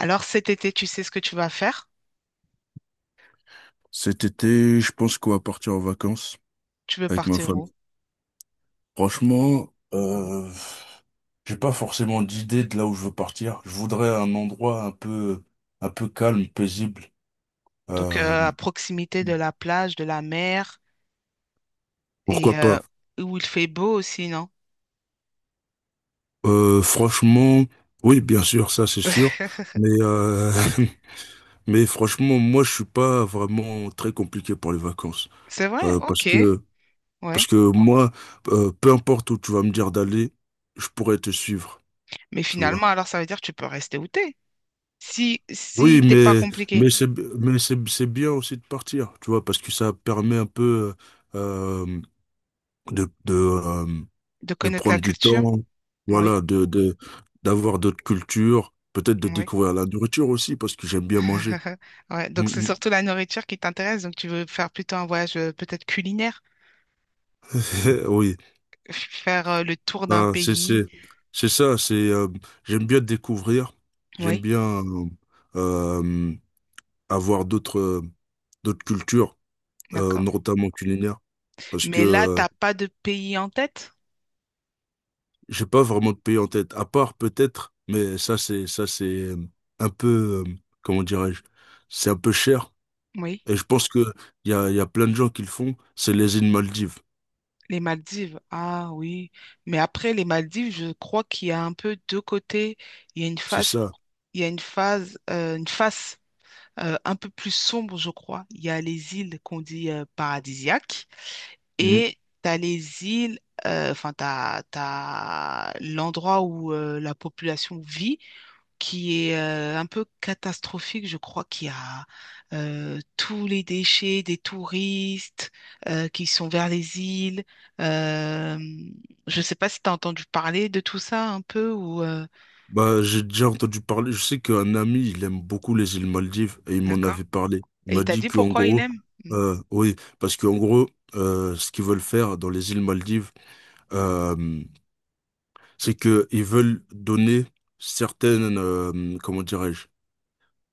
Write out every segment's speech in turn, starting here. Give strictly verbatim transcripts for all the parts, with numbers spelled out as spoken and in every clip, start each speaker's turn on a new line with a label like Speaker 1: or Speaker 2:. Speaker 1: Alors cet été, tu sais ce que tu vas faire?
Speaker 2: Cet été, je pense qu'on va partir en vacances
Speaker 1: Tu veux
Speaker 2: avec ma
Speaker 1: partir où?
Speaker 2: famille. Franchement, euh, j'ai pas forcément d'idée de là où je veux partir. Je voudrais un endroit un peu, un peu calme, paisible.
Speaker 1: Donc
Speaker 2: Euh,
Speaker 1: euh, à proximité de la plage, de la mer et
Speaker 2: pourquoi
Speaker 1: euh,
Speaker 2: pas?
Speaker 1: où il fait beau aussi, non?
Speaker 2: Euh, franchement, oui, bien sûr, ça c'est sûr. Mais euh, mais franchement, moi je suis pas vraiment très compliqué pour les vacances.
Speaker 1: C'est vrai,
Speaker 2: Euh, parce
Speaker 1: ok,
Speaker 2: que parce
Speaker 1: ouais.
Speaker 2: que moi, euh, peu importe où tu vas me dire d'aller, je pourrais te suivre.
Speaker 1: Mais
Speaker 2: Tu
Speaker 1: finalement,
Speaker 2: vois.
Speaker 1: alors ça veut dire que tu peux rester où t'es. Si
Speaker 2: Oui,
Speaker 1: si t'es pas
Speaker 2: mais,
Speaker 1: compliqué
Speaker 2: mais c'est, mais c'est, c'est bien aussi de partir, tu vois, parce que ça permet un peu euh, euh, de, de, euh,
Speaker 1: de
Speaker 2: de
Speaker 1: connaître la
Speaker 2: prendre du
Speaker 1: culture,
Speaker 2: temps,
Speaker 1: oui,
Speaker 2: voilà, de, de, d'avoir d'autres cultures, peut-être de
Speaker 1: oui.
Speaker 2: découvrir la nourriture aussi, parce que j'aime bien manger.
Speaker 1: Ouais, donc c'est
Speaker 2: Mm,
Speaker 1: surtout la nourriture qui t'intéresse. Donc tu veux faire plutôt un voyage euh, peut-être culinaire,
Speaker 2: mm. Oui.
Speaker 1: faire euh, le tour d'un
Speaker 2: Ah, c'est,
Speaker 1: pays.
Speaker 2: c'est, c'est ça, c'est, euh, j'aime bien découvrir, j'aime
Speaker 1: Oui,
Speaker 2: bien euh, euh, avoir d'autres euh, d'autres cultures, euh,
Speaker 1: d'accord.
Speaker 2: notamment culinaires, parce que
Speaker 1: Mais là,
Speaker 2: euh,
Speaker 1: t'as pas de pays en tête?
Speaker 2: j'ai pas vraiment de pays en tête, à part peut-être, mais ça c'est ça c'est euh, un peu euh, comment dirais-je, c'est un peu cher.
Speaker 1: Oui.
Speaker 2: Et je pense que il y a, il y a plein de gens qui le font. C'est les îles Maldives,
Speaker 1: Les Maldives, ah oui. Mais après les Maldives, je crois qu'il y a un peu deux côtés. Il y a une
Speaker 2: c'est
Speaker 1: phase,
Speaker 2: ça.
Speaker 1: il y a une phase, euh, une face euh, un peu plus sombre, je crois. Il y a les îles qu'on dit euh, paradisiaques
Speaker 2: Mm.
Speaker 1: et tu as les îles, euh, enfin, tu as, l'endroit où euh, la population vit qui est euh, un peu catastrophique, je crois qu'il y a euh, tous les déchets des touristes euh, qui sont vers les îles. Euh, je ne sais pas si tu as entendu parler de tout ça un peu ou euh,
Speaker 2: Bah j'ai déjà entendu parler. Je sais qu'un ami il aime beaucoup les îles Maldives et il m'en
Speaker 1: D'accord.
Speaker 2: avait parlé. Il
Speaker 1: Et il
Speaker 2: m'a
Speaker 1: t'a
Speaker 2: dit
Speaker 1: dit
Speaker 2: qu'en
Speaker 1: pourquoi il
Speaker 2: gros,
Speaker 1: aime? Mm.
Speaker 2: euh, oui, parce qu'en gros, euh, ce qu'ils veulent faire dans les îles Maldives, euh, c'est que ils veulent donner certaines, euh, comment dirais-je,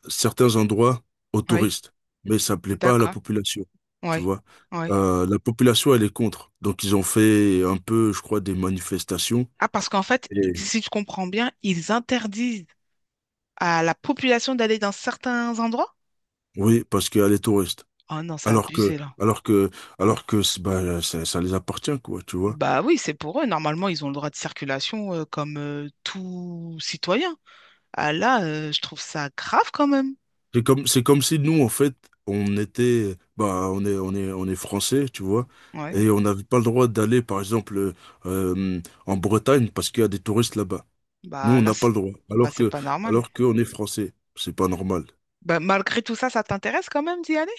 Speaker 2: certains endroits aux
Speaker 1: Oui,
Speaker 2: touristes, mais ça plaît pas à la
Speaker 1: d'accord.
Speaker 2: population, tu
Speaker 1: Oui,
Speaker 2: vois.
Speaker 1: oui.
Speaker 2: Euh, la population, elle est contre. Donc, ils ont fait un peu, je crois, des manifestations.
Speaker 1: Ah, parce qu'en fait, i-
Speaker 2: Et...
Speaker 1: si je comprends bien, ils interdisent à la population d'aller dans certains endroits?
Speaker 2: Oui, parce qu'elle est touriste.
Speaker 1: Oh non, c'est
Speaker 2: Alors que,
Speaker 1: abusé là.
Speaker 2: alors que, alors que, c'est- bah, ça, ça les appartient, quoi, tu vois.
Speaker 1: Bah oui, c'est pour eux. Normalement, ils ont le droit de circulation euh, comme euh, tout citoyen. Ah là, euh, je trouve ça grave quand même.
Speaker 2: C'est comme, c'est comme si nous, en fait, on était, bah, on est, on est, on est français, tu vois.
Speaker 1: Ouais.
Speaker 2: Et on n'avait pas le droit d'aller, par exemple, euh, en Bretagne parce qu'il y a des touristes là-bas. Nous,
Speaker 1: Bah
Speaker 2: on
Speaker 1: là,
Speaker 2: n'a pas
Speaker 1: c'est
Speaker 2: le droit.
Speaker 1: bah,
Speaker 2: Alors
Speaker 1: c'est
Speaker 2: que,
Speaker 1: pas normal.
Speaker 2: alors qu'on est français. C'est pas normal.
Speaker 1: Bah, malgré tout ça, ça t'intéresse quand même d'y aller?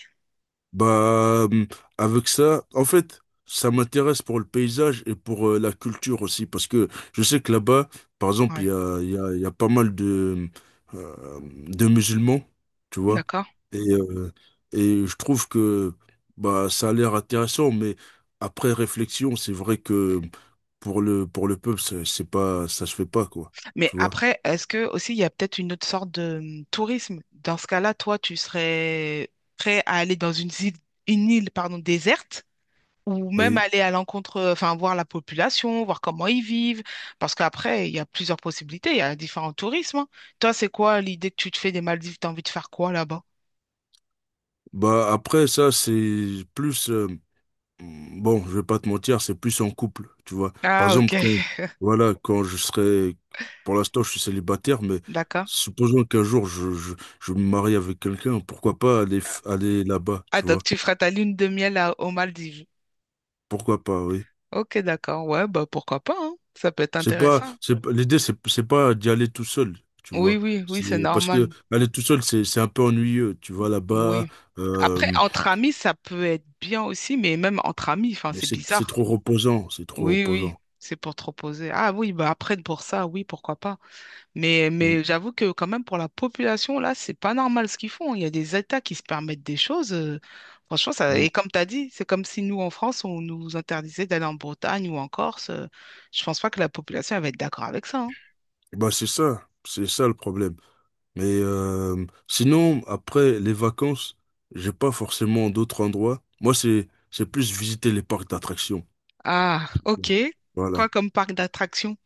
Speaker 2: Bah, hum, avec ça, en fait, ça m'intéresse pour le paysage et pour euh, la culture aussi. Parce que je sais que là-bas, par exemple, il
Speaker 1: Ouais.
Speaker 2: y a, il y a, il y a pas mal de, euh, de musulmans, tu vois.
Speaker 1: D'accord.
Speaker 2: Et, euh, et je trouve que bah, ça a l'air intéressant, mais après réflexion, c'est vrai que pour le, pour le peuple, c'est c'est pas, ça se fait pas, quoi.
Speaker 1: Mais
Speaker 2: Tu vois.
Speaker 1: après, est-ce que aussi il y a peut-être une autre sorte de hum, tourisme? Dans ce cas-là, toi, tu serais prêt à aller dans une île, une île, pardon, déserte ou même
Speaker 2: Oui.
Speaker 1: aller à l'encontre, enfin, voir la population, voir comment ils vivent, parce qu'après, il y a plusieurs possibilités, il y a différents tourismes, hein. Toi, c'est quoi l'idée que tu te fais des Maldives? T'as envie de faire quoi là-bas?
Speaker 2: Bah après, ça c'est plus euh, bon, je vais pas te mentir, c'est plus en couple, tu vois. Par
Speaker 1: Ah, ok,
Speaker 2: exemple, quand, voilà, quand je serai... Pour l'instant, je suis célibataire, mais
Speaker 1: d'accord.
Speaker 2: supposons qu'un jour je, je, je me marie avec quelqu'un, pourquoi pas aller f- aller là-bas,
Speaker 1: Ah,
Speaker 2: tu
Speaker 1: donc
Speaker 2: vois?
Speaker 1: tu feras ta lune de miel à- aux Maldives.
Speaker 2: Pourquoi pas, oui.
Speaker 1: Ok, d'accord. Ouais, bah pourquoi pas, hein. Ça peut être
Speaker 2: c'est pas
Speaker 1: intéressant.
Speaker 2: c'est pas- l'idée c'est c'est pas d'y aller tout seul, tu
Speaker 1: Oui,
Speaker 2: vois.
Speaker 1: oui, oui, c'est
Speaker 2: C'est parce que
Speaker 1: normal.
Speaker 2: aller tout seul, c'est c'est un peu ennuyeux. Tu vas là-bas,
Speaker 1: Oui. Après,
Speaker 2: euh,
Speaker 1: entre amis, ça peut être bien aussi, mais même entre amis, enfin,
Speaker 2: mais
Speaker 1: c'est
Speaker 2: c'est c'est
Speaker 1: bizarre.
Speaker 2: trop reposant, c'est trop
Speaker 1: Oui, oui,
Speaker 2: reposant.
Speaker 1: c'est pour te reposer. Ah oui, bah après, pour ça, oui, pourquoi pas. Mais, mais j'avoue que quand même pour la population, là, c'est pas normal ce qu'ils font. Il y a des États qui se permettent des choses. euh, franchement, ça,
Speaker 2: Mm.
Speaker 1: et comme tu as dit, c'est comme si nous, en France, on nous interdisait d'aller en Bretagne ou en Corse. euh, je pense pas que la population elle va être d'accord avec ça, hein.
Speaker 2: Bah, c'est ça, c'est ça le problème. Mais euh, sinon, après les vacances, j'ai pas forcément d'autres endroits. Moi, c'est c'est plus visiter les parcs d'attractions.
Speaker 1: Ah, ok. Quoi
Speaker 2: Voilà.
Speaker 1: comme parc d'attractions?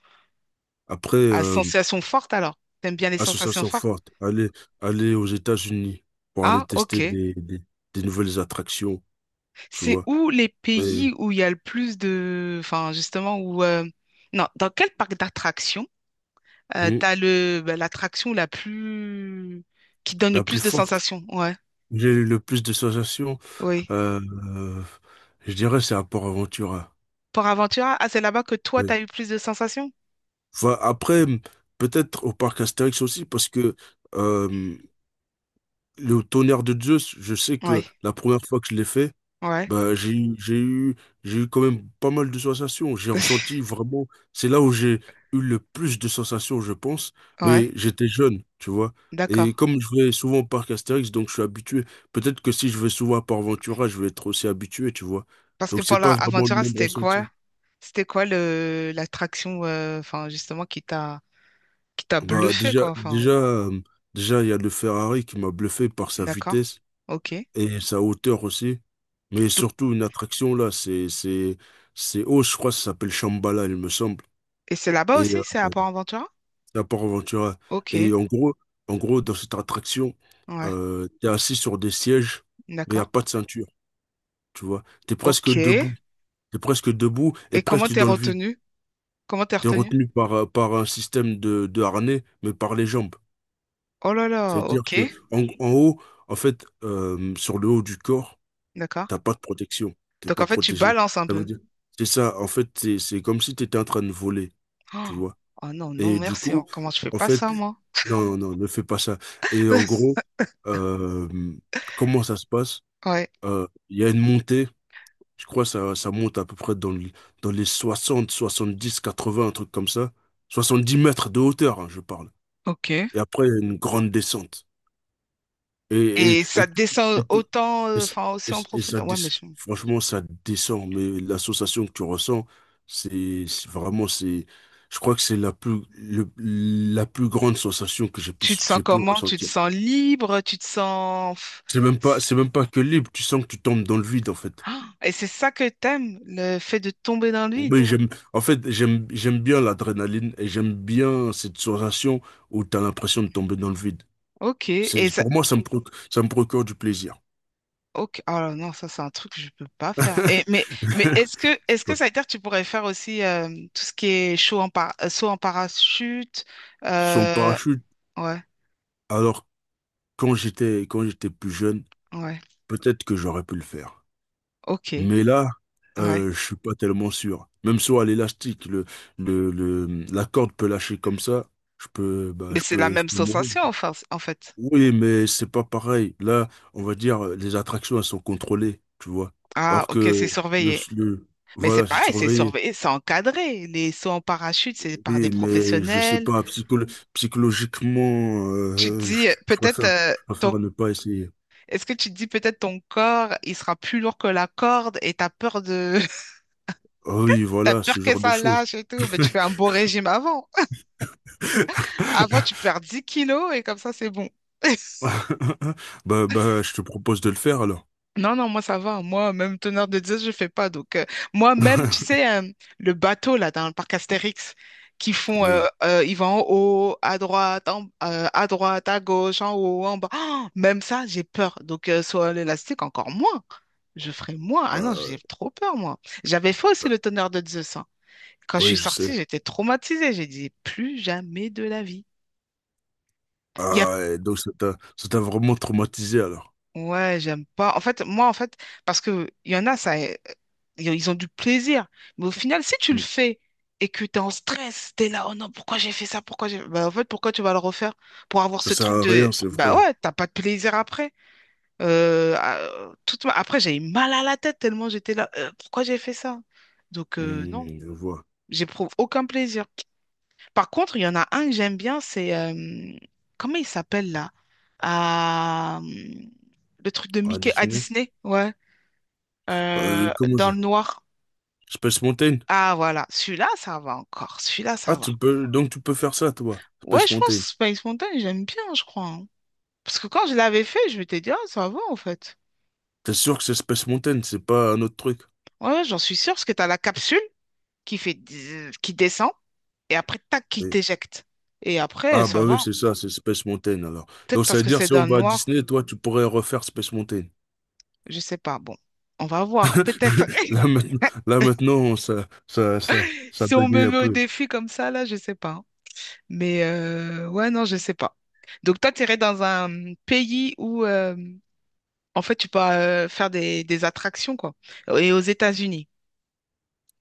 Speaker 2: Après,
Speaker 1: À
Speaker 2: euh,
Speaker 1: sensations fortes alors. T'aimes bien les sensations
Speaker 2: association
Speaker 1: fortes?
Speaker 2: forte, aller aller aux États-Unis pour aller
Speaker 1: Ah,
Speaker 2: tester
Speaker 1: ok.
Speaker 2: des, des, des nouvelles attractions, tu
Speaker 1: C'est
Speaker 2: vois.
Speaker 1: où les
Speaker 2: Mais
Speaker 1: pays où il y a le plus de, enfin, justement, où, euh, non, dans quel parc d'attractions Euh,
Speaker 2: hmm,
Speaker 1: t'as le, bah, l'attraction la plus, qui donne le
Speaker 2: la plus
Speaker 1: plus de
Speaker 2: forte,
Speaker 1: sensations. Ouais,
Speaker 2: j'ai eu le plus de sensations,
Speaker 1: oui.
Speaker 2: euh, euh, je dirais, c'est à Port-Aventura.
Speaker 1: Port Aventura, ah, c'est là-bas que toi, t'as eu plus de sensations?
Speaker 2: Enfin, après, peut-être au parc Astérix aussi, parce que euh, le tonnerre de Zeus, je sais que
Speaker 1: Ouais,
Speaker 2: la première fois que je l'ai fait,
Speaker 1: ouais,
Speaker 2: bah, j'ai, eu- j'ai eu, j'ai eu quand même pas mal de sensations. J'ai ressenti vraiment, c'est là où j'ai eu le plus de sensations, je pense,
Speaker 1: ouais,
Speaker 2: mais j'étais jeune, tu vois.
Speaker 1: d'accord.
Speaker 2: Et comme je vais souvent au parc Astérix, donc je suis habitué. Peut-être que si je vais souvent à Port Ventura, je vais être aussi habitué, tu vois.
Speaker 1: Parce que
Speaker 2: Donc c'est
Speaker 1: Port
Speaker 2: pas vraiment le
Speaker 1: Aventura,
Speaker 2: même
Speaker 1: c'était quoi?
Speaker 2: ressenti.
Speaker 1: C'était quoi le l'attraction, euh, enfin, justement, qui t'a qui t'a
Speaker 2: Bah
Speaker 1: bluffé,
Speaker 2: déjà,
Speaker 1: quoi, enfin,
Speaker 2: déjà, euh, déjà, il y a le Ferrari qui m'a bluffé par sa
Speaker 1: d'accord,
Speaker 2: vitesse
Speaker 1: ok.
Speaker 2: et sa hauteur aussi. Mais
Speaker 1: Donc,
Speaker 2: surtout une attraction là, c'est c'est c'est haut, je crois, que ça s'appelle Shambhala, il me semble.
Speaker 1: et c'est là-bas
Speaker 2: Et
Speaker 1: aussi,
Speaker 2: euh,
Speaker 1: c'est à Port Aventura?
Speaker 2: c'est à Port Ventura.
Speaker 1: Ok,
Speaker 2: Et en gros, en gros, dans cette attraction,
Speaker 1: ouais,
Speaker 2: euh, t'es assis sur des sièges, mais il n'y a
Speaker 1: d'accord.
Speaker 2: pas de ceinture, tu vois. T'es presque
Speaker 1: Ok. Et
Speaker 2: debout. T'es presque debout et
Speaker 1: comment
Speaker 2: presque
Speaker 1: t'es
Speaker 2: dans le vide.
Speaker 1: retenu? Comment t'es
Speaker 2: T'es
Speaker 1: retenu?
Speaker 2: retenu par, euh, par un système de, de harnais, mais par les jambes.
Speaker 1: Oh là là,
Speaker 2: C'est-à-dire
Speaker 1: ok,
Speaker 2: que en, en haut, en fait, euh, sur le haut du corps,
Speaker 1: d'accord.
Speaker 2: t'as pas de protection. T'es
Speaker 1: Donc en
Speaker 2: pas
Speaker 1: fait, tu
Speaker 2: protégé.
Speaker 1: balances un
Speaker 2: Ça veut
Speaker 1: peu.
Speaker 2: dire, c'est ça. En fait, c'est c'est comme si tu étais en train de voler, tu
Speaker 1: Oh,
Speaker 2: vois.
Speaker 1: oh non, non,
Speaker 2: Et du
Speaker 1: merci. Oh,
Speaker 2: coup,
Speaker 1: comment je fais
Speaker 2: en
Speaker 1: pas
Speaker 2: fait,
Speaker 1: ça, moi?
Speaker 2: non, non, non, ne fais pas ça. Et en gros, euh, comment ça se passe?
Speaker 1: Ouais,
Speaker 2: Euh, Il y a une montée. Je crois que ça, ça monte à peu près dans, le- dans les soixante, soixante-dix, quatre-vingts, un truc comme ça. Soixante-dix mètres de hauteur, hein, je parle.
Speaker 1: ok.
Speaker 2: Et après, il y a une grande descente. Et, et,
Speaker 1: Et
Speaker 2: et
Speaker 1: ça
Speaker 2: tout,
Speaker 1: descend
Speaker 2: et tout,
Speaker 1: autant,
Speaker 2: et,
Speaker 1: euh,
Speaker 2: ça-
Speaker 1: enfin
Speaker 2: et
Speaker 1: aussi en
Speaker 2: ça et ça
Speaker 1: profondeur. Ouais,
Speaker 2: dé-
Speaker 1: mais je-
Speaker 2: franchement, ça descend, mais l'association que tu ressens, c'est c'est vraiment, c'est, je crois que c'est la plus, le- la plus grande sensation que j'ai pu,
Speaker 1: tu te sens
Speaker 2: j'ai pu
Speaker 1: comment? Tu te
Speaker 2: ressentir.
Speaker 1: sens libre? Tu te sens, pff,
Speaker 2: C'est même
Speaker 1: c'est-
Speaker 2: pas, c'est même pas que libre, tu sens que tu tombes dans le vide, en fait.
Speaker 1: ah, et c'est ça que t'aimes, le fait de tomber dans le vide.
Speaker 2: Oui, j'aime, en fait, j'aime, j'aime bien l'adrénaline et j'aime bien cette sensation où tu as l'impression de tomber dans le vide.
Speaker 1: Ok.
Speaker 2: C'est,
Speaker 1: Et ça.
Speaker 2: pour moi, ça me, proc- ça me procure du plaisir.
Speaker 1: Ok. Oh non, ça c'est un truc que je peux pas faire. Et, mais mais est-ce que est-ce que ça veut dire que tu pourrais faire aussi euh, tout ce qui est chaud en par- euh, saut en parachute?
Speaker 2: Son
Speaker 1: euh,
Speaker 2: parachute,
Speaker 1: Ouais,
Speaker 2: alors, quand j'étais quand j'étais plus jeune,
Speaker 1: ouais.
Speaker 2: peut-être que j'aurais pu le faire.
Speaker 1: Ok.
Speaker 2: Mais là,
Speaker 1: Ouais.
Speaker 2: euh, je suis pas tellement sûr. Même sur à l'élastique, le, le, le- la corde peut lâcher comme ça. Je peux, bah,
Speaker 1: Mais
Speaker 2: je
Speaker 1: c'est la
Speaker 2: peux, je
Speaker 1: même
Speaker 2: peux mourir.
Speaker 1: sensation, enfin, en fait.
Speaker 2: Oui, mais c'est pas pareil. Là, on va dire, les attractions, elles sont contrôlées, tu vois.
Speaker 1: Ah,
Speaker 2: Alors
Speaker 1: ok,
Speaker 2: que
Speaker 1: c'est
Speaker 2: le,
Speaker 1: surveillé.
Speaker 2: le-
Speaker 1: Mais c'est
Speaker 2: voilà, c'est
Speaker 1: pareil, c'est
Speaker 2: surveillé.
Speaker 1: surveillé, c'est encadré. Les sauts en parachute, c'est par des
Speaker 2: Oui, mais je sais
Speaker 1: professionnels.
Speaker 2: pas, psycholo- psychologiquement,
Speaker 1: Tu te
Speaker 2: euh, je,
Speaker 1: dis, euh,
Speaker 2: je
Speaker 1: peut-être,
Speaker 2: préfère,
Speaker 1: euh,
Speaker 2: je
Speaker 1: ton,
Speaker 2: préfère ne pas essayer.
Speaker 1: est-ce que tu te dis, peut-être ton corps, il sera plus lourd que la corde et t'as peur de,
Speaker 2: Ah oui,
Speaker 1: t'as
Speaker 2: voilà,
Speaker 1: peur
Speaker 2: ce
Speaker 1: que
Speaker 2: genre de
Speaker 1: ça
Speaker 2: choses.
Speaker 1: lâche et tout. Mais tu fais un beau régime avant. Avant, tu perds dix kilos et comme ça, c'est bon.
Speaker 2: Bah, bah, je te propose de le faire alors.
Speaker 1: Non, non, moi ça va. Moi, même teneur de dix, je fais pas. Donc, euh, moi-même, tu sais, euh, le bateau là dans le parc Astérix, qui font, euh,
Speaker 2: Oui,
Speaker 1: euh, ils vont en haut, à droite, en- euh, à droite, à gauche, en haut, en bas. Ah, même ça, j'ai peur. Donc, euh, sur l'élastique, encore moins. Je ferai moins. Ah non, j'ai
Speaker 2: bah,
Speaker 1: trop peur, moi. J'avais fait aussi
Speaker 2: bah,
Speaker 1: le teneur de Zeus, hein. Quand je
Speaker 2: oui,
Speaker 1: suis
Speaker 2: je sais.
Speaker 1: sortie, j'étais traumatisée. J'ai dit, plus jamais de la vie.
Speaker 2: Ah, et donc ça t'a, ça t'a vraiment traumatisé alors.
Speaker 1: Ouais, j'aime pas. En fait, moi, en fait, parce que il y en a, ça, euh, ils ont du plaisir. Mais au final, si tu le
Speaker 2: Mm.
Speaker 1: fais et que tu es en stress, tu es là, oh non, pourquoi j'ai fait ça? Pourquoi j'ai. Bah, en fait, pourquoi tu vas le refaire? Pour avoir
Speaker 2: Ça
Speaker 1: ce
Speaker 2: sert
Speaker 1: truc
Speaker 2: à
Speaker 1: de.
Speaker 2: rien, c'est
Speaker 1: Bah
Speaker 2: vrai.
Speaker 1: ouais, t'as pas de plaisir après. Euh, ah, euh, toute ma- après, j'ai eu mal à la tête tellement j'étais là, euh, pourquoi j'ai fait ça? Donc, euh, non,
Speaker 2: Mm, je vois.
Speaker 1: j'éprouve aucun plaisir. Par contre, il y en a un que j'aime bien, c'est, euh, comment il s'appelle là? Ah, hum, le truc de
Speaker 2: Ah,
Speaker 1: Mickey à
Speaker 2: Disney?
Speaker 1: Disney, ouais.
Speaker 2: Euh,
Speaker 1: Euh,
Speaker 2: comment
Speaker 1: dans
Speaker 2: ça?
Speaker 1: le noir.
Speaker 2: Space Mountain?
Speaker 1: Ah voilà, celui-là, ça va encore. Celui-là,
Speaker 2: Ah,
Speaker 1: ça va.
Speaker 2: tu peux, donc tu peux faire ça, toi.
Speaker 1: Ouais,
Speaker 2: Space
Speaker 1: je pense
Speaker 2: Mountain.
Speaker 1: que Space Mountain, j'aime bien, je crois, hein. Parce que quand je l'avais fait, je m'étais dit, ah, ça va en fait.
Speaker 2: T'es sûr que c'est Space Mountain, c'est pas un autre truc?
Speaker 1: Ouais, ouais, j'en suis sûre, parce que t'as la capsule qui fait, dzz qui descend, et après, tac, qui
Speaker 2: Oui.
Speaker 1: t'éjecte. Et après,
Speaker 2: Ah, bah
Speaker 1: ça
Speaker 2: oui,
Speaker 1: va.
Speaker 2: c'est ça, c'est Space Mountain alors. Donc
Speaker 1: Peut-être
Speaker 2: ça
Speaker 1: parce
Speaker 2: veut
Speaker 1: que
Speaker 2: dire
Speaker 1: c'est
Speaker 2: si
Speaker 1: dans
Speaker 2: on
Speaker 1: le
Speaker 2: va à
Speaker 1: noir,
Speaker 2: Disney, toi, tu pourrais refaire Space Mountain.
Speaker 1: je sais pas. Bon, on va voir, peut-être.
Speaker 2: Là maintenant, là maintenant ça, ça, ça, ça
Speaker 1: Si on
Speaker 2: bagaye
Speaker 1: me
Speaker 2: un
Speaker 1: met au
Speaker 2: peu.
Speaker 1: défi comme ça, là, je sais pas. Mais euh, ouais, non, je sais pas. Donc toi, tu irais dans un pays où, euh, en fait, tu peux euh, faire des, des attractions, quoi. Et aux États-Unis.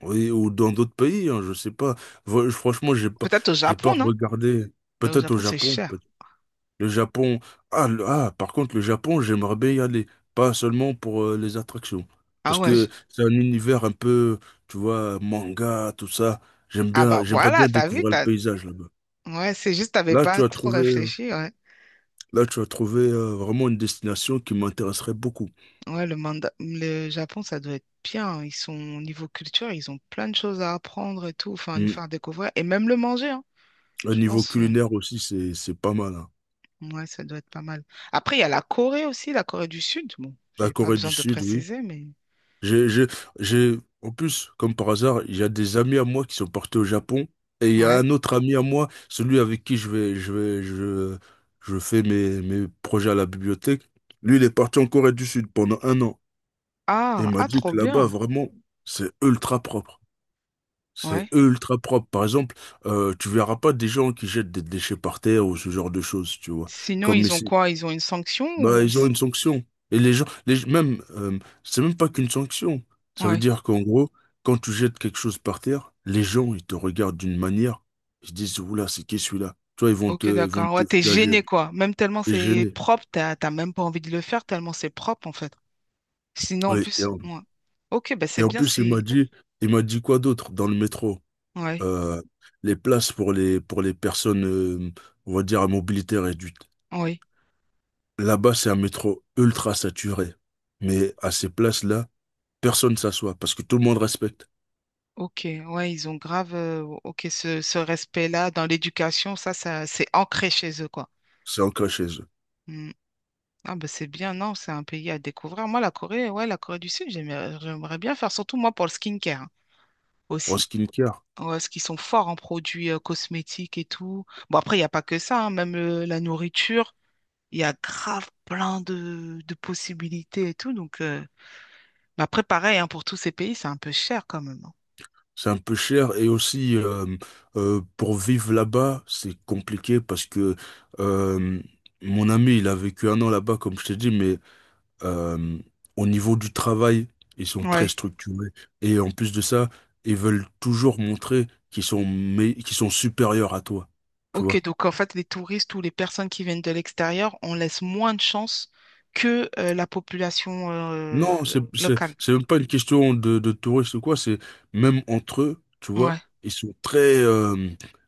Speaker 2: Oui, ou dans d'autres pays, hein, je sais pas. Vo- franchement, j'ai pas,
Speaker 1: Peut-être au
Speaker 2: j'ai pas
Speaker 1: Japon, non?
Speaker 2: regardé.
Speaker 1: Mais au
Speaker 2: Peut-être au
Speaker 1: Japon, c'est
Speaker 2: Japon. Peut-
Speaker 1: cher.
Speaker 2: le Japon. Ah, le- ah, par contre, le Japon, j'aimerais bien y aller. Pas seulement pour euh, les attractions.
Speaker 1: Ah
Speaker 2: Parce
Speaker 1: ouais. je-
Speaker 2: que c'est un univers un peu, tu vois, manga, tout ça. J'aime
Speaker 1: Ah bah
Speaker 2: bien, j'aimerais
Speaker 1: voilà,
Speaker 2: bien
Speaker 1: t'as vu,
Speaker 2: découvrir le
Speaker 1: t'as.
Speaker 2: paysage là-bas.
Speaker 1: Ouais, c'est juste, t'avais
Speaker 2: Là,
Speaker 1: pas
Speaker 2: tu as
Speaker 1: trop
Speaker 2: trouvé, euh,
Speaker 1: réfléchi, ouais.
Speaker 2: là, tu as trouvé euh, vraiment une destination qui m'intéresserait beaucoup.
Speaker 1: Ouais, le manda... le Japon, ça doit être bien. Ils sont, au niveau culture, ils ont plein de choses à apprendre et tout, enfin, à nous
Speaker 2: Mm.
Speaker 1: faire découvrir. Et même le manger, hein,
Speaker 2: Au
Speaker 1: je
Speaker 2: niveau
Speaker 1: pense. euh,
Speaker 2: culinaire aussi, c'est, c'est pas mal, hein.
Speaker 1: Ouais, ça doit être pas mal. Après, il y a la Corée aussi, la Corée du Sud. Bon,
Speaker 2: La
Speaker 1: j'ai pas
Speaker 2: Corée du
Speaker 1: besoin de
Speaker 2: Sud, oui.
Speaker 1: préciser, mais
Speaker 2: J'ai, j'ai, j'ai, en plus, comme par hasard, il y a des amis à moi qui sont partis au Japon. Et il y a
Speaker 1: ouais.
Speaker 2: un autre ami à moi, celui avec qui je vais, je vais, je, je fais mes, mes projets à la bibliothèque. Lui, il est parti en Corée du Sud pendant un an. Et il
Speaker 1: Ah,
Speaker 2: m'a
Speaker 1: ah,
Speaker 2: dit
Speaker 1: trop
Speaker 2: que là-bas,
Speaker 1: bien.
Speaker 2: vraiment, c'est ultra propre. C'est
Speaker 1: Ouais.
Speaker 2: ultra propre. Par exemple, euh, tu verras pas des gens qui jettent des déchets par terre ou ce genre de choses, tu vois.
Speaker 1: Sinon,
Speaker 2: Comme
Speaker 1: ils ont
Speaker 2: ici.
Speaker 1: quoi? Ils ont une sanction
Speaker 2: Bah,
Speaker 1: ou
Speaker 2: ils ont
Speaker 1: s-
Speaker 2: une sanction. Et les gens, les, même, euh, c'est même pas qu'une sanction. Ça veut
Speaker 1: ouais.
Speaker 2: dire qu'en gros, quand tu jettes quelque chose par terre, les gens, ils te regardent d'une manière, ils se disent, oula, c'est qui celui-là? Tu vois, ils vont
Speaker 1: Ok,
Speaker 2: te, ils vont
Speaker 1: d'accord. Ouais, t'es
Speaker 2: t'effusager,
Speaker 1: gêné, quoi. Même tellement
Speaker 2: t'es
Speaker 1: c'est
Speaker 2: gêné.
Speaker 1: propre, t'as t'as même pas envie de le faire, tellement c'est propre, en fait. Sinon, en
Speaker 2: Oui, et
Speaker 1: plus,
Speaker 2: en,
Speaker 1: ouais. Ok, bah c'est
Speaker 2: et en
Speaker 1: bien
Speaker 2: plus, il m'a
Speaker 1: si.
Speaker 2: dit, il m'a dit quoi d'autre dans le métro?
Speaker 1: Ouais,
Speaker 2: Euh, les places pour les, pour les personnes, euh, on va dire, à mobilité réduite.
Speaker 1: oui.
Speaker 2: Là-bas, c'est un métro ultra saturé. Mais à ces places-là, personne ne s'assoit parce que tout le monde respecte.
Speaker 1: Ok, ouais, ils ont grave. euh, ok, ce, ce respect-là dans l'éducation, ça, ça, c'est ancré chez eux, quoi.
Speaker 2: C'est ancré chez eux.
Speaker 1: Hmm. Ah bah c'est bien, non, c'est un pays à découvrir. Moi, la Corée, ouais, la Corée du Sud, j'aimerais j'aimerais bien faire, surtout moi pour le skincare hein,
Speaker 2: En
Speaker 1: aussi.
Speaker 2: skincare,
Speaker 1: Ouais, parce qu'ils sont forts en produits euh, cosmétiques et tout. Bon, après, il n'y a pas que ça, hein, même euh, la nourriture, il y a grave plein de, de possibilités et tout. Donc, euh, mais après, pareil, hein, pour tous ces pays, c'est un peu cher quand même, hein.
Speaker 2: c'est un peu cher et aussi euh, euh, pour vivre là-bas, c'est compliqué parce que euh, mon ami, il a vécu un an là-bas, comme je t'ai dit, mais euh, au niveau du travail, ils sont très
Speaker 1: Ouais.
Speaker 2: structurés et en plus de ça, ils veulent toujours montrer qu'ils sont, mé- qu'ils sont supérieurs à toi. Tu
Speaker 1: Ok,
Speaker 2: vois.
Speaker 1: donc en fait, les touristes ou les personnes qui viennent de l'extérieur, on laisse moins de chance que euh, la population euh,
Speaker 2: Non, c'est, c'est,
Speaker 1: locale.
Speaker 2: c'est même pas une question de, de touristes ou quoi, c'est même entre eux, tu vois,
Speaker 1: Ouais.
Speaker 2: ils sont très, euh,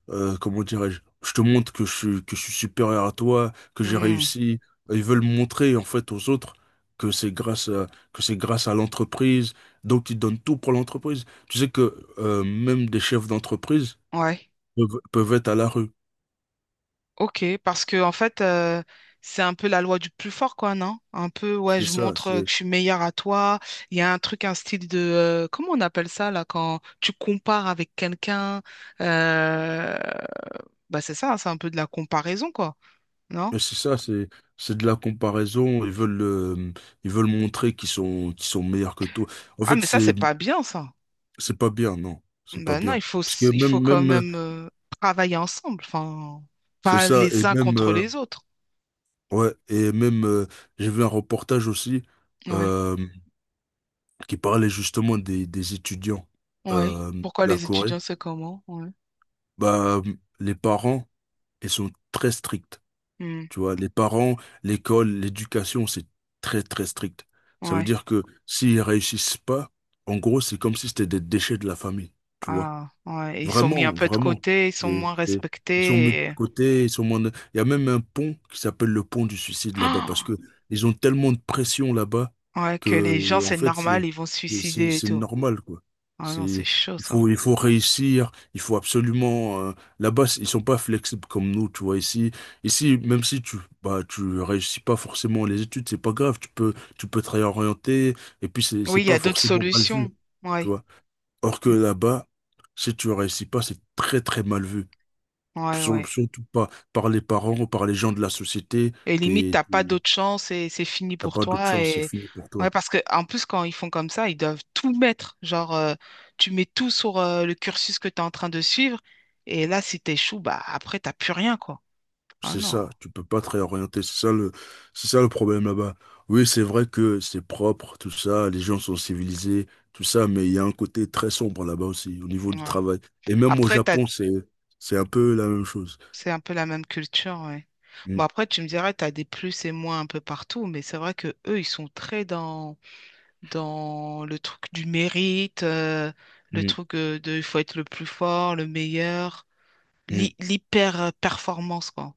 Speaker 2: euh, comment dirais-je, je te montre que je, suis- que je suis supérieur à toi, que j'ai
Speaker 1: Hmm.
Speaker 2: réussi. Ils veulent montrer, en fait, aux autres que c'est grâce à, que c'est grâce à l'entreprise, donc ils donnent tout pour l'entreprise. Tu sais que, euh, même des chefs d'entreprise
Speaker 1: Ouais.
Speaker 2: peuvent, peuvent être à la rue.
Speaker 1: Ok, parce que en fait, euh, c'est un peu la loi du plus fort, quoi, non? Un peu, ouais,
Speaker 2: C'est
Speaker 1: je
Speaker 2: ça.
Speaker 1: montre euh, que je suis meilleure à toi. Il y a un truc, un style de, euh, comment on appelle ça, là, quand tu compares avec quelqu'un, euh, bah c'est ça, hein, c'est un peu de la comparaison, quoi, non?
Speaker 2: Mais c'est ça, c'est c'est de la comparaison. Ils veulent euh, ils veulent montrer qu'ils sont qu'ils sont meilleurs que toi. En
Speaker 1: Ah,
Speaker 2: fait,
Speaker 1: mais ça, c'est
Speaker 2: c'est
Speaker 1: pas bien, ça.
Speaker 2: c'est pas bien, non, c'est pas
Speaker 1: Bah non, il
Speaker 2: bien.
Speaker 1: faut,
Speaker 2: Parce
Speaker 1: s-
Speaker 2: que
Speaker 1: il faut
Speaker 2: même
Speaker 1: quand
Speaker 2: même euh,
Speaker 1: même euh, travailler ensemble, enfin,
Speaker 2: c'est
Speaker 1: pas
Speaker 2: ça et
Speaker 1: les uns
Speaker 2: même
Speaker 1: contre
Speaker 2: euh,
Speaker 1: les autres.
Speaker 2: ouais et même euh, j'ai vu un reportage aussi
Speaker 1: Ouais,
Speaker 2: euh, qui parlait justement des des étudiants
Speaker 1: ouais.
Speaker 2: euh,
Speaker 1: Pourquoi
Speaker 2: de la
Speaker 1: les
Speaker 2: Corée.
Speaker 1: étudiants, c'est comment? Ouais.
Speaker 2: Bah les parents ils sont très stricts.
Speaker 1: Hmm,
Speaker 2: Tu vois, les parents, l'école, l'éducation, c'est très, très strict. Ça veut
Speaker 1: ouais.
Speaker 2: dire que s'ils réussissent pas, en gros, c'est comme si c'était des déchets de la famille. Tu vois.
Speaker 1: Ah, ouais, ils sont mis un
Speaker 2: Vraiment,
Speaker 1: peu de
Speaker 2: vraiment.
Speaker 1: côté, ils sont
Speaker 2: C'est-
Speaker 1: moins
Speaker 2: c'est- Ils sont mis
Speaker 1: respectés.
Speaker 2: de
Speaker 1: et-
Speaker 2: côté, ils sont moins de- Il y a même un pont qui s'appelle le pont du suicide là-bas parce que
Speaker 1: Ah,
Speaker 2: ils ont tellement de pression là-bas
Speaker 1: ouais, que les gens,
Speaker 2: que, en
Speaker 1: c'est
Speaker 2: fait,
Speaker 1: normal,
Speaker 2: c'est
Speaker 1: ils vont se
Speaker 2: c'est-
Speaker 1: suicider et
Speaker 2: c'est
Speaker 1: tout.
Speaker 2: normal, quoi.
Speaker 1: Ah non, c'est
Speaker 2: C'est,
Speaker 1: chaud
Speaker 2: il
Speaker 1: ça.
Speaker 2: faut, il faut réussir, il faut absolument. euh, Là-bas, ils sont pas flexibles comme nous, tu vois. Ici, ici, même si tu, bah, tu réussis pas forcément les études, c'est pas grave. Tu peux, tu peux te réorienter et puis c'est
Speaker 1: Oui,
Speaker 2: c'est
Speaker 1: il y a
Speaker 2: pas
Speaker 1: d'autres
Speaker 2: forcément mal vu,
Speaker 1: solutions.
Speaker 2: tu
Speaker 1: Ouais,
Speaker 2: vois. Or que
Speaker 1: mm,
Speaker 2: là-bas, si tu ne réussis pas, c'est très très mal vu.
Speaker 1: ouais,
Speaker 2: Sur-
Speaker 1: ouais.
Speaker 2: Surtout pas par les parents ou par les gens de la société.
Speaker 1: Et limite,
Speaker 2: T'es,
Speaker 1: t'as pas
Speaker 2: t'es-
Speaker 1: d'autre chance et c'est fini
Speaker 2: T'as
Speaker 1: pour
Speaker 2: pas d'autre
Speaker 1: toi.
Speaker 2: chance, c'est
Speaker 1: Et
Speaker 2: fini pour
Speaker 1: ouais,
Speaker 2: toi.
Speaker 1: parce que en plus, quand ils font comme ça, ils doivent tout mettre. Genre, euh, tu mets tout sur euh, le cursus que tu es en train de suivre. Et là, si t'échoues, bah après, t'as plus rien, quoi. Ah
Speaker 2: C'est
Speaker 1: non.
Speaker 2: ça, tu peux pas te réorienter. C'est ça le, c'est ça le problème là-bas. Oui, c'est vrai que c'est propre, tout ça, les gens sont civilisés, tout ça, mais il y a un côté très sombre là-bas aussi, au niveau du
Speaker 1: Ouais.
Speaker 2: travail. Et même au
Speaker 1: Après, tu
Speaker 2: Japon, c'est, c'est un peu la même chose.
Speaker 1: c'est un peu la même culture, ouais.
Speaker 2: Mm,
Speaker 1: Bon, après, tu me diras, tu as des plus et moins un peu partout, mais c'est vrai que eux, ils sont très dans, dans le truc du mérite, euh, le
Speaker 2: mm,
Speaker 1: truc euh, de il faut être le plus fort, le meilleur,
Speaker 2: mm,
Speaker 1: l'hy- l'hyper-performance, quoi.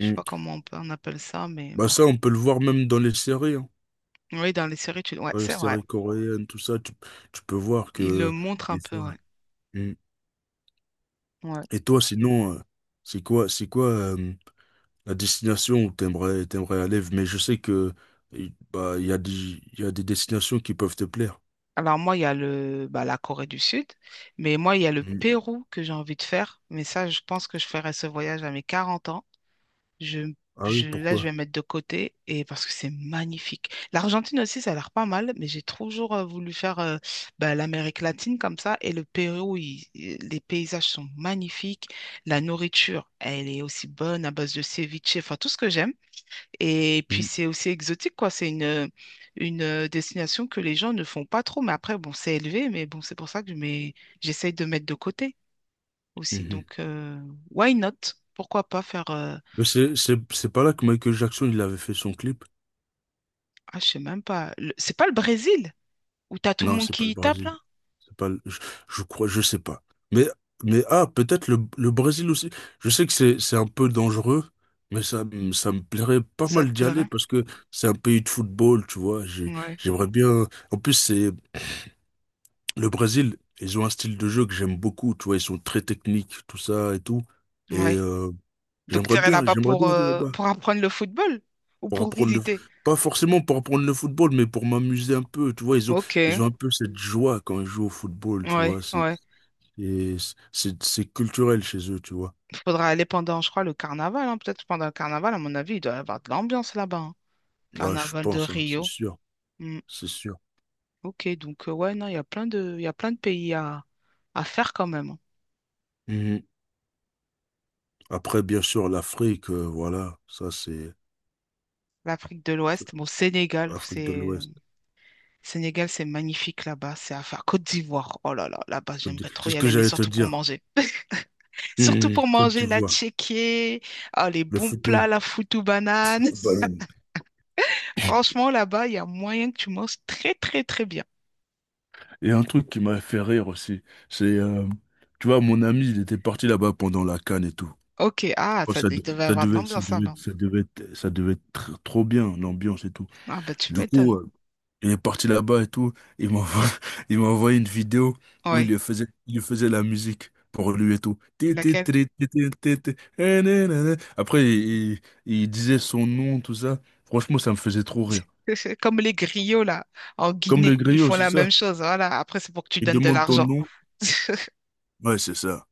Speaker 1: Je sais
Speaker 2: mm.
Speaker 1: pas comment on, peut- on appelle ça, mais
Speaker 2: Bah
Speaker 1: bon.
Speaker 2: ça, on peut le voir même dans les séries, hein.
Speaker 1: Oui, dans les séries, tu, ouais,
Speaker 2: Dans les
Speaker 1: c'est vrai.
Speaker 2: séries coréennes, tout ça, tu, tu peux voir
Speaker 1: Ils le
Speaker 2: que
Speaker 1: montrent un
Speaker 2: des
Speaker 1: peu,
Speaker 2: fois.
Speaker 1: ouais.
Speaker 2: Mm.
Speaker 1: Ouais.
Speaker 2: Et toi, sinon, euh, c'est quoi, c'est quoi euh, la destination où t'aimerais, t'aimerais aller? Mais je sais que il bah, il y a des, il y a des destinations qui peuvent te plaire.
Speaker 1: Alors moi, il y a le, bah, la Corée du Sud, mais moi, il y a le
Speaker 2: Mm.
Speaker 1: Pérou que j'ai envie de faire, mais ça, je pense que je ferai ce voyage à mes quarante ans. Je,
Speaker 2: Ah oui,
Speaker 1: je, là, je
Speaker 2: pourquoi?
Speaker 1: vais mettre de côté et parce que c'est magnifique. L'Argentine aussi, ça a l'air pas mal, mais j'ai toujours euh, voulu faire euh, bah, l'Amérique latine comme ça. Et le Pérou, il- il- les paysages sont magnifiques. La nourriture, elle est aussi bonne à base de ceviche, enfin tout ce que j'aime. Et puis
Speaker 2: Mm.
Speaker 1: c'est aussi exotique, quoi. C'est une, une euh, destination que les gens ne font pas trop. Mais après, bon, c'est élevé, mais bon, c'est pour ça que je mets- j'essaye de mettre de côté aussi.
Speaker 2: Mhm.
Speaker 1: Donc, euh, why not? Pourquoi pas faire euh,
Speaker 2: Mais c'est, c'est, c'est pas là que Michael Jackson il avait fait son clip?
Speaker 1: ah, je sais même pas. Le- C'est pas le Brésil où t'as tout le
Speaker 2: Non,
Speaker 1: monde
Speaker 2: c'est pas
Speaker 1: qui
Speaker 2: le
Speaker 1: y tape
Speaker 2: Brésil.
Speaker 1: là?
Speaker 2: C'est pas, le- je, je crois, je sais pas. Mais, mais ah, peut-être le, le Brésil aussi. Je sais que c'est, c'est un peu dangereux, mais ça, me- ça me plairait pas
Speaker 1: Ça te
Speaker 2: mal d'y aller
Speaker 1: plairait?
Speaker 2: parce que c'est un pays de football, tu vois. J'ai-
Speaker 1: Ouais,
Speaker 2: J'aimerais bien. En plus, c'est le Brésil, ils ont un style de jeu que j'aime beaucoup, tu vois. Ils sont très techniques, tout ça et tout. Et
Speaker 1: ouais.
Speaker 2: euh,
Speaker 1: Donc
Speaker 2: j'aimerais
Speaker 1: t'irais
Speaker 2: bien,
Speaker 1: là-bas
Speaker 2: j'aimerais
Speaker 1: pour,
Speaker 2: bien aller
Speaker 1: euh,
Speaker 2: là-bas
Speaker 1: pour apprendre le football ou
Speaker 2: pour
Speaker 1: pour
Speaker 2: apprendre le,
Speaker 1: visiter?
Speaker 2: pas forcément pour apprendre le football, mais pour m'amuser un peu, tu vois. Ils ont,
Speaker 1: Ok,
Speaker 2: ils
Speaker 1: ouais,
Speaker 2: ont un peu cette joie quand ils jouent au football, tu
Speaker 1: ouais.
Speaker 2: vois. Et c- c'est c'est culturel chez eux, tu vois.
Speaker 1: Il faudra aller pendant, je crois, le carnaval, hein. Peut-être pendant le carnaval, à mon avis, il doit y avoir de l'ambiance là-bas, hein.
Speaker 2: Bah, je
Speaker 1: Carnaval de
Speaker 2: pense, hein, c'est
Speaker 1: Rio.
Speaker 2: sûr,
Speaker 1: Hmm.
Speaker 2: c'est sûr.
Speaker 1: Ok, donc euh, ouais, non, il y a plein de, il y a plein de pays à, à faire quand même, hein.
Speaker 2: Mhm. Après, bien sûr, l'Afrique, euh, voilà, ça c'est
Speaker 1: L'Afrique de
Speaker 2: c'est
Speaker 1: l'Ouest, bon, Sénégal,
Speaker 2: Afrique de
Speaker 1: c'est
Speaker 2: l'Ouest.
Speaker 1: Sénégal, c'est magnifique là-bas, c'est à faire. Côte d'Ivoire, oh là là, là-bas, j'aimerais trop
Speaker 2: C'est
Speaker 1: y
Speaker 2: ce que
Speaker 1: aller, mais
Speaker 2: j'allais te
Speaker 1: surtout pour
Speaker 2: dire.
Speaker 1: manger. Surtout
Speaker 2: Mhm.
Speaker 1: pour
Speaker 2: Côte
Speaker 1: manger, la
Speaker 2: d'Ivoire,
Speaker 1: tchéké, ah, les
Speaker 2: le
Speaker 1: bons plats,
Speaker 2: foutou,
Speaker 1: la foutou banane.
Speaker 2: les bananes.
Speaker 1: Franchement, là-bas, il y a moyen que tu manges très, très, très bien.
Speaker 2: Et un truc qui m'a fait rire aussi, c'est, euh, tu vois, mon ami, il était parti là-bas pendant la CAN et tout.
Speaker 1: Ok, ah,
Speaker 2: Oh,
Speaker 1: ça,
Speaker 2: ça,
Speaker 1: il
Speaker 2: de-
Speaker 1: devait
Speaker 2: ça
Speaker 1: avoir de
Speaker 2: devait, ça
Speaker 1: l'ambiance
Speaker 2: devait,
Speaker 1: là-bas.
Speaker 2: ça devait être- ça devait être tr- trop bien, l'ambiance et tout.
Speaker 1: Ah, bah, tu
Speaker 2: Du coup,
Speaker 1: m'étonnes.
Speaker 2: euh, il est parti là-bas et tout. Il m'envoie, il m'a envoyé une vidéo où il
Speaker 1: Oui,
Speaker 2: lui faisait, il lui faisait la musique pour lui et tout. Ti, ti,
Speaker 1: laquelle?
Speaker 2: tri, ti, ti, ti, ti, eh, na, na, na. Après, il, il- il disait son nom, tout ça. Franchement, ça me faisait trop rire.
Speaker 1: C'est comme les griots, là, en
Speaker 2: Comme le
Speaker 1: Guinée, ils
Speaker 2: griot,
Speaker 1: font
Speaker 2: c'est
Speaker 1: la
Speaker 2: ça.
Speaker 1: même chose. Voilà, après, c'est pour que tu
Speaker 2: Il
Speaker 1: donnes de
Speaker 2: demande ton
Speaker 1: l'argent.
Speaker 2: nom. Ouais, c'est ça.